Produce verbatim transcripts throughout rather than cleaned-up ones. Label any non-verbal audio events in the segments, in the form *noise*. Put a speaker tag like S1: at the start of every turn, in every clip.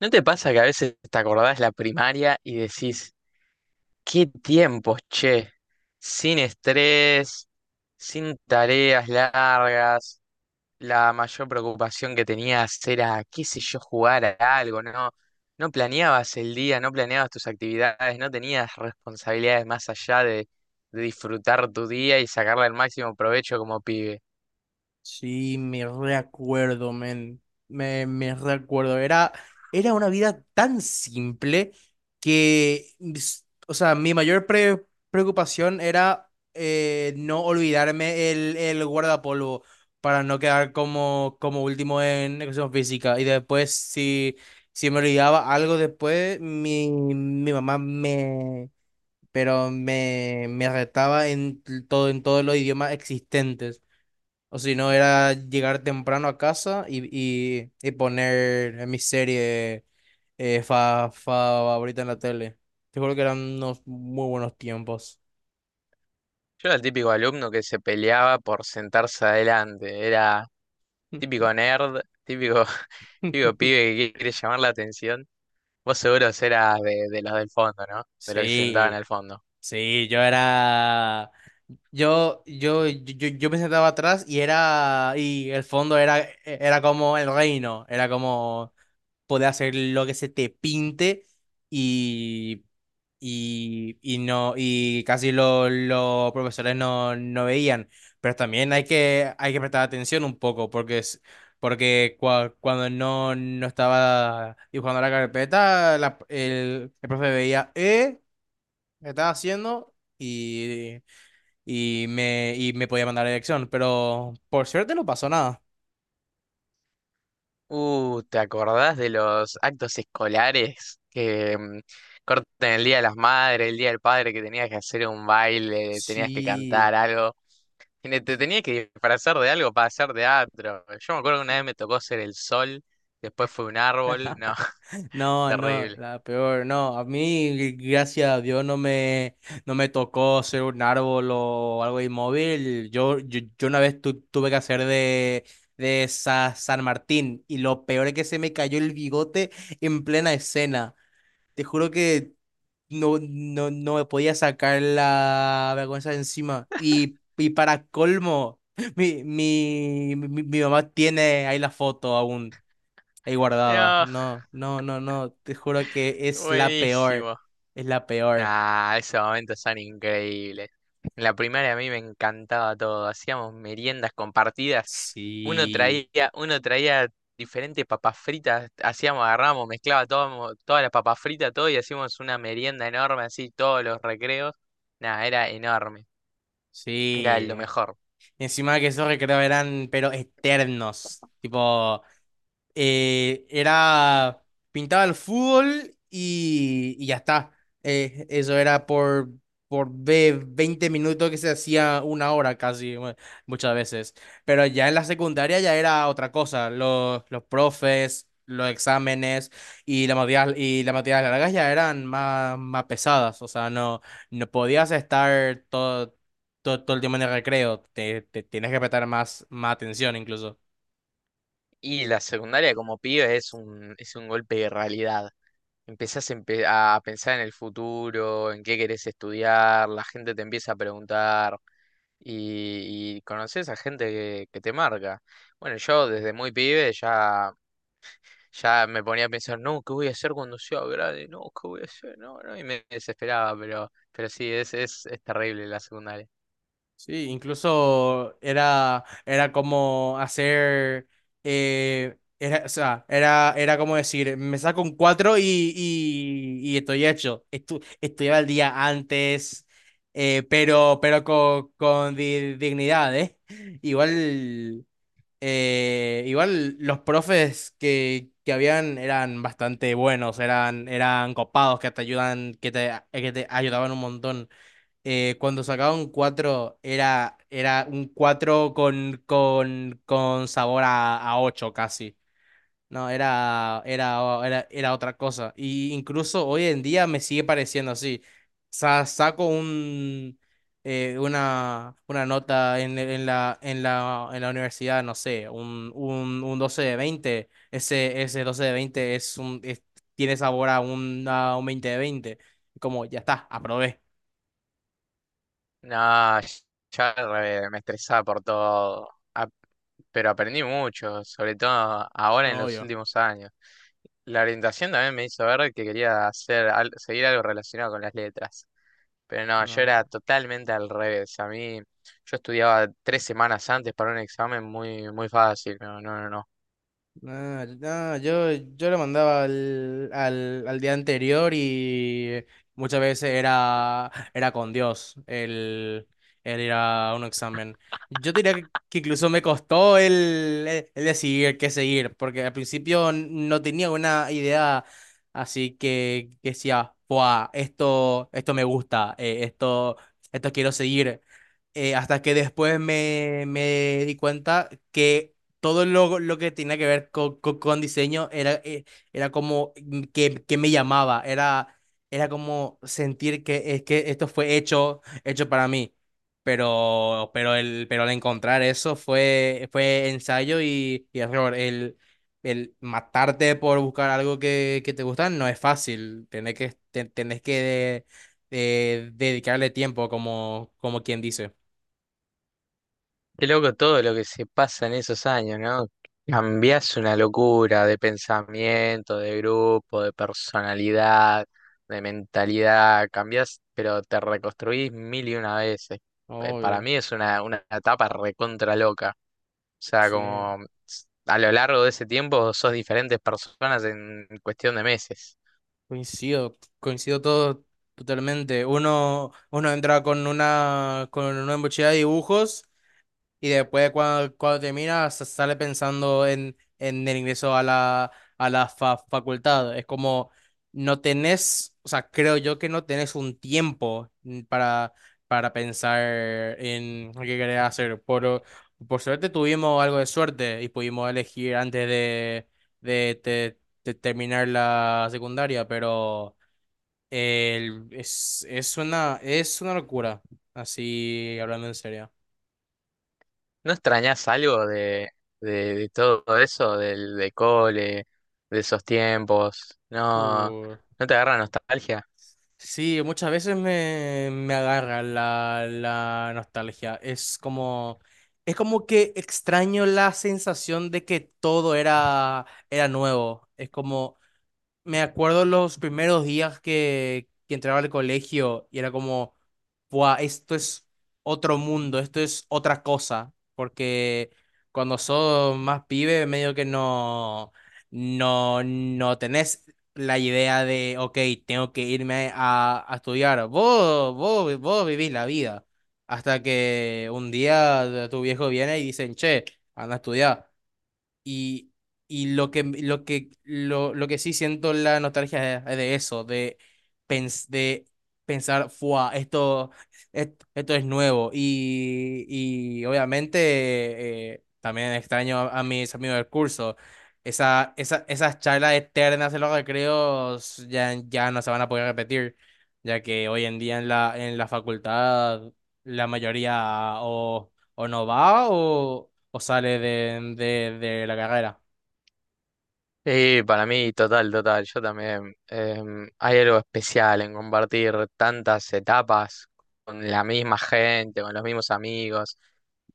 S1: ¿No te pasa que a veces te acordás la primaria y decís, qué tiempos, che? Sin estrés, sin tareas largas, la mayor preocupación que tenías era, qué sé yo, jugar a algo, ¿no? No planeabas el día, no planeabas tus actividades, no tenías responsabilidades más allá de, de disfrutar tu día y sacarle el máximo provecho como pibe.
S2: Sí, me reacuerdo, men. Me, me reacuerdo. Era, era una vida tan simple que, s- o sea, mi mayor pre- preocupación era eh, no olvidarme el, el guardapolvo para no quedar como, como último en educación física. Y después, si, si me olvidaba algo después, mi, mi mamá me, pero me, me retaba en todo, en todos los idiomas existentes. O si no, era llegar temprano a casa y, y, y poner en mi serie eh, fa, favorita en la tele. Te juro que eran unos muy buenos tiempos.
S1: Yo era el típico alumno que se peleaba por sentarse adelante, era... Típico nerd, típico, *laughs* típico
S2: *laughs*
S1: pibe que quiere llamar la atención. Vos seguro serás de, de los del fondo, ¿no? De los que se sentaban
S2: Sí,
S1: al fondo.
S2: sí, yo era. Yo, yo, yo, yo me sentaba atrás y era. Y el fondo era, e, era como el reino. Era como, podés hacer lo que se te pinte y, y, y no, y casi lo- los profesores no, no veían. Pero también hay que, hay que prestar atención un poco, porque es, porque cua- cuando no, no estaba dibujando la carpeta, la- el, el profe veía, eh, ¿qué estás haciendo? Y, y me, y me podía mandar a la dirección, pero por suerte no pasó nada.
S1: Uh, ¿te acordás de los actos escolares que mm, cortan el Día de las Madres, el Día del Padre, que tenías que hacer un baile, tenías que
S2: Sí.
S1: cantar algo? Y ne- te tenías que disfrazar de algo para hacer teatro. Yo me acuerdo que una vez me tocó ser el sol, después fue un árbol. No, *laughs*
S2: No, no,
S1: terrible.
S2: la peor, no. A mí, gracias a Dios, no me, no me tocó ser un árbol o algo inmóvil. Yo, yo, yo una vez tu- tuve que hacer de, de Sa- San Martín y lo peor es que se me cayó el bigote en plena escena. Te juro que no, no, no me podía sacar la vergüenza de encima. Y, y para colmo, *laughs* mi, mi, mi, mi mamá tiene ahí la foto aún. Ahí guardada.
S1: No,
S2: No, no, no, no. Te juro que es la peor.
S1: buenísimo.
S2: Es la peor.
S1: Ah, esos momentos son increíbles. En la primaria a mí me encantaba todo. Hacíamos meriendas compartidas. Uno
S2: Sí,
S1: traía, uno traía diferentes papas fritas. Hacíamos, agarramos, mezclaba todo, todas las papas fritas, todo y hacíamos una merienda enorme así, todos los recreos. Nada, era enorme. Era
S2: sí.
S1: lo mejor.
S2: Y encima que esos recreos eran, pero eternos. Tipo, eh, era, pintaba el fútbol y, y ya está. Eh, eso era por, por ve- veinte minutos que se hacía una hora casi, mu- muchas veces. Pero ya en la secundaria ya era otra cosa. Los, los profes, los exámenes y las materias, y las materias largas ya eran más, más pesadas. O sea, no, no podías estar todo, todo, todo el tiempo en el recreo. Te, te tienes que prestar más, más atención incluso.
S1: Y la secundaria como pibe es un, es un golpe de realidad. Empezás empe- a pensar en el futuro, en qué querés estudiar, la gente te empieza a preguntar. y, y conoces a gente que, que te marca. Bueno, yo desde muy pibe ya, ya me ponía a pensar, no, ¿qué voy a hacer cuando sea grande? No, ¿qué voy a hacer? No, no, y me desesperaba, pero, pero sí, es, es, es terrible la secundaria.
S2: Sí, incluso era, era como hacer, eh, era, o sea, era, era como decir, me saco un cuatro y, y, y estoy hecho. Estu- estudiaba el día antes, eh, pero, pero con, con di- dignidad, ¿eh? Igual, eh, igual los profes que, que habían eran bastante buenos, eran, eran copados, que te ayudan, que te, que te ayudaban un montón eh, cuando sacaba un cuatro era, era un cuatro con, con, con sabor a, a ocho casi. No, era, era, era, era otra cosa. Y incluso hoy en día me sigue pareciendo así. Sa- saco un, eh, una, una nota en, en la, en la, en la universidad, no sé, un, un, un doce de veinte. Ese, ese doce de veinte es un, es- tiene sabor a un, a un veinte de veinte. Como ya está, aprobé.
S1: No, ya re- me estresaba por todo. A- pero aprendí mucho, sobre todo ahora en los
S2: Obvio.
S1: últimos años. La orientación también me hizo ver que quería hacer, al- seguir algo relacionado con las letras. Pero no, yo
S2: No,
S1: era totalmente al revés. A mí, yo estudiaba tres semanas antes para un examen muy, muy fácil. No, no, no, no.
S2: no, no, yo, yo lo mandaba al, al, al día anterior y muchas veces era, era con Dios el, el ir a un examen. Yo diría que, que incluso me costó el, el, el decidir qué seguir, porque al principio n- no tenía una idea así que, que decía, "Buah, esto, esto me gusta, eh, esto, esto quiero seguir eh, hasta que después me, me di cuenta que todo lo, lo que tenía que ver co- co- con diseño era, eh, era como mm, que, que me llamaba, era, era como sentir que, es que esto fue hecho, hecho para mí. Pero, pero, el, pero al encontrar eso fue, fue ensayo y, y error. El, el matarte por buscar algo que, que te gusta no es fácil. Tenés que, te- tenés que de- de- dedicarle tiempo, como, como quien dice.
S1: Qué loco todo lo que se pasa en esos años, ¿no? Cambiás una locura de pensamiento, de grupo, de personalidad, de mentalidad. Cambiás, pero te reconstruís mil y una veces. Eh, Para
S2: Obvio,
S1: mí es una, una etapa recontra loca. O sea,
S2: sí.
S1: como s- a lo largo de ese tiempo sos diferentes personas en cuestión de meses.
S2: Coincido, coincido todo totalmente. Uno, uno entra con una, con una mochila de dibujos y después cuando, cuando termina sa- sale pensando en, en el ingreso a la, a la fa- facultad. Es como no tenés, o sea, creo yo que no tenés un tiempo mm, para, para pensar en lo que querés hacer. Por, por suerte tuvimos algo de suerte y pudimos elegir antes de, de, te- te- terminar la secundaria, pero el- es, es una, es una locura, así hablando en serio.
S1: ¿No extrañas algo de, de, de todo eso, del de cole, de esos tiempos? ¿No,
S2: Uh.
S1: no te agarra nostalgia?
S2: Sí, muchas veces me, me agarra la, la nostalgia. Es como, es como que extraño la sensación de que todo era, era nuevo. Es como, me acuerdo los primeros días que, que entraba al colegio y era como, Buah, esto es otro mundo, esto es otra cosa, porque cuando sos más pibe, medio que no, no, no tenés la idea de, ok, tengo que irme a, a estudiar. Vos, vos, vos vivís la vida, hasta que un día tu viejo viene y dicen, che, anda a estudiar. Y, y lo que, lo que, lo, lo que sí siento la nostalgia es de eso, de, pens- de pensar, ¡fua! Esto, et- esto es nuevo. Y, y obviamente eh, también extraño a, a mis amigos del curso. Esa, esa, esas charlas eternas en los recreos ya, ya no se van a poder repetir, ya que hoy en día en la, en la facultad la mayoría o, o no va o o sale de, de, de la carrera.
S1: Sí, para mí, total, total. Yo también. Em, hay algo especial en compartir tantas etapas con la misma gente, con los mismos amigos.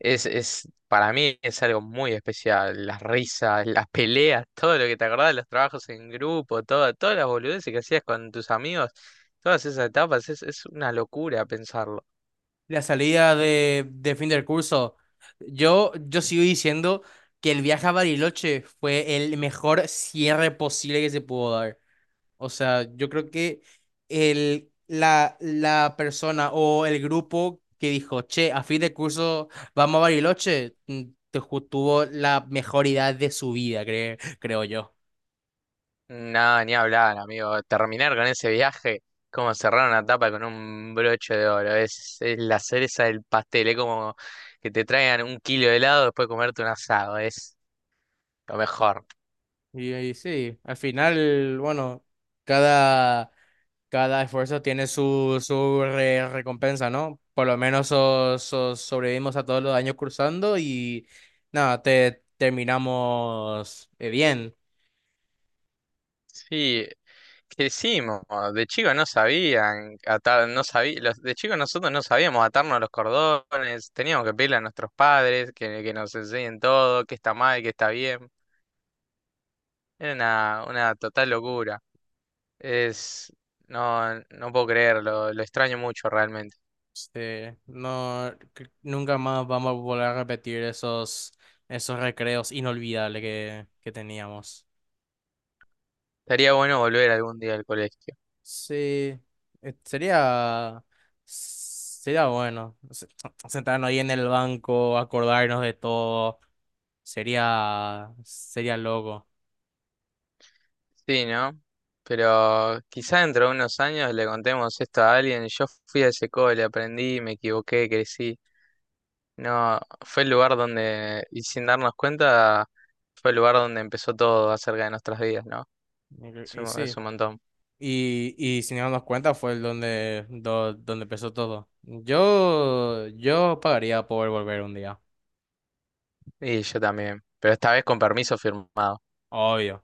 S1: Es, es, para mí es algo muy especial. Las risas, las peleas, todo lo que te acordás, los trabajos en grupo, todo, todas las boludeces que hacías con tus amigos, todas esas etapas, es, es una locura pensarlo.
S2: La salida de, de fin del curso. Yo, yo sigo diciendo que el viaje a Bariloche fue el mejor cierre posible que se pudo dar. O sea, yo creo que el, la, la persona o el grupo que dijo, che, a fin de curso vamos a Bariloche, mm, te ju- tuvo la mejor idea de su vida, cre- creo yo.
S1: No, ni hablar, amigo. Terminar con ese viaje, como cerrar una tapa con un broche de oro. Es, es la cereza del pastel. Es como que te traigan un kilo de helado después de comerte un asado. Es lo mejor.
S2: Y ahí sí, al final, bueno, cada, cada esfuerzo tiene su, su re- recompensa, ¿no? Por lo menos so- so- sobrevivimos a todos los años cursando y nada, te, terminamos eh, bien.
S1: Sí, crecimos. De chicos no sabían atar, no sabí, los, de chicos nosotros no sabíamos atarnos los cordones. Teníamos que pedirle a nuestros padres que, que nos enseñen todo, qué está mal, qué está bien. Era una, una total locura. Es, no, no puedo creerlo, lo extraño mucho realmente.
S2: Este, no, cre- nunca más vamos a volver a repetir esos, esos recreos inolvidables que, que teníamos.
S1: Estaría bueno volver algún día al colegio.
S2: Sí, eh, sería, sería bueno se- sentarnos ahí en el banco, acordarnos de todo, sería, sería loco.
S1: Sí, ¿no? Pero quizá dentro de unos años le contemos esto a alguien. Yo fui a ese cole, aprendí, me equivoqué, crecí. No, fue el lugar donde, y sin darnos cuenta, fue el lugar donde empezó todo acerca de nuestras vidas, ¿no? Es
S2: Y, y
S1: un, es
S2: sí,
S1: un montón.
S2: y, y sin darnos cuenta fue el donde, do- donde empezó todo. Yo, yo pagaría por volver un día,
S1: Y yo también, pero esta vez con permiso firmado.
S2: obvio.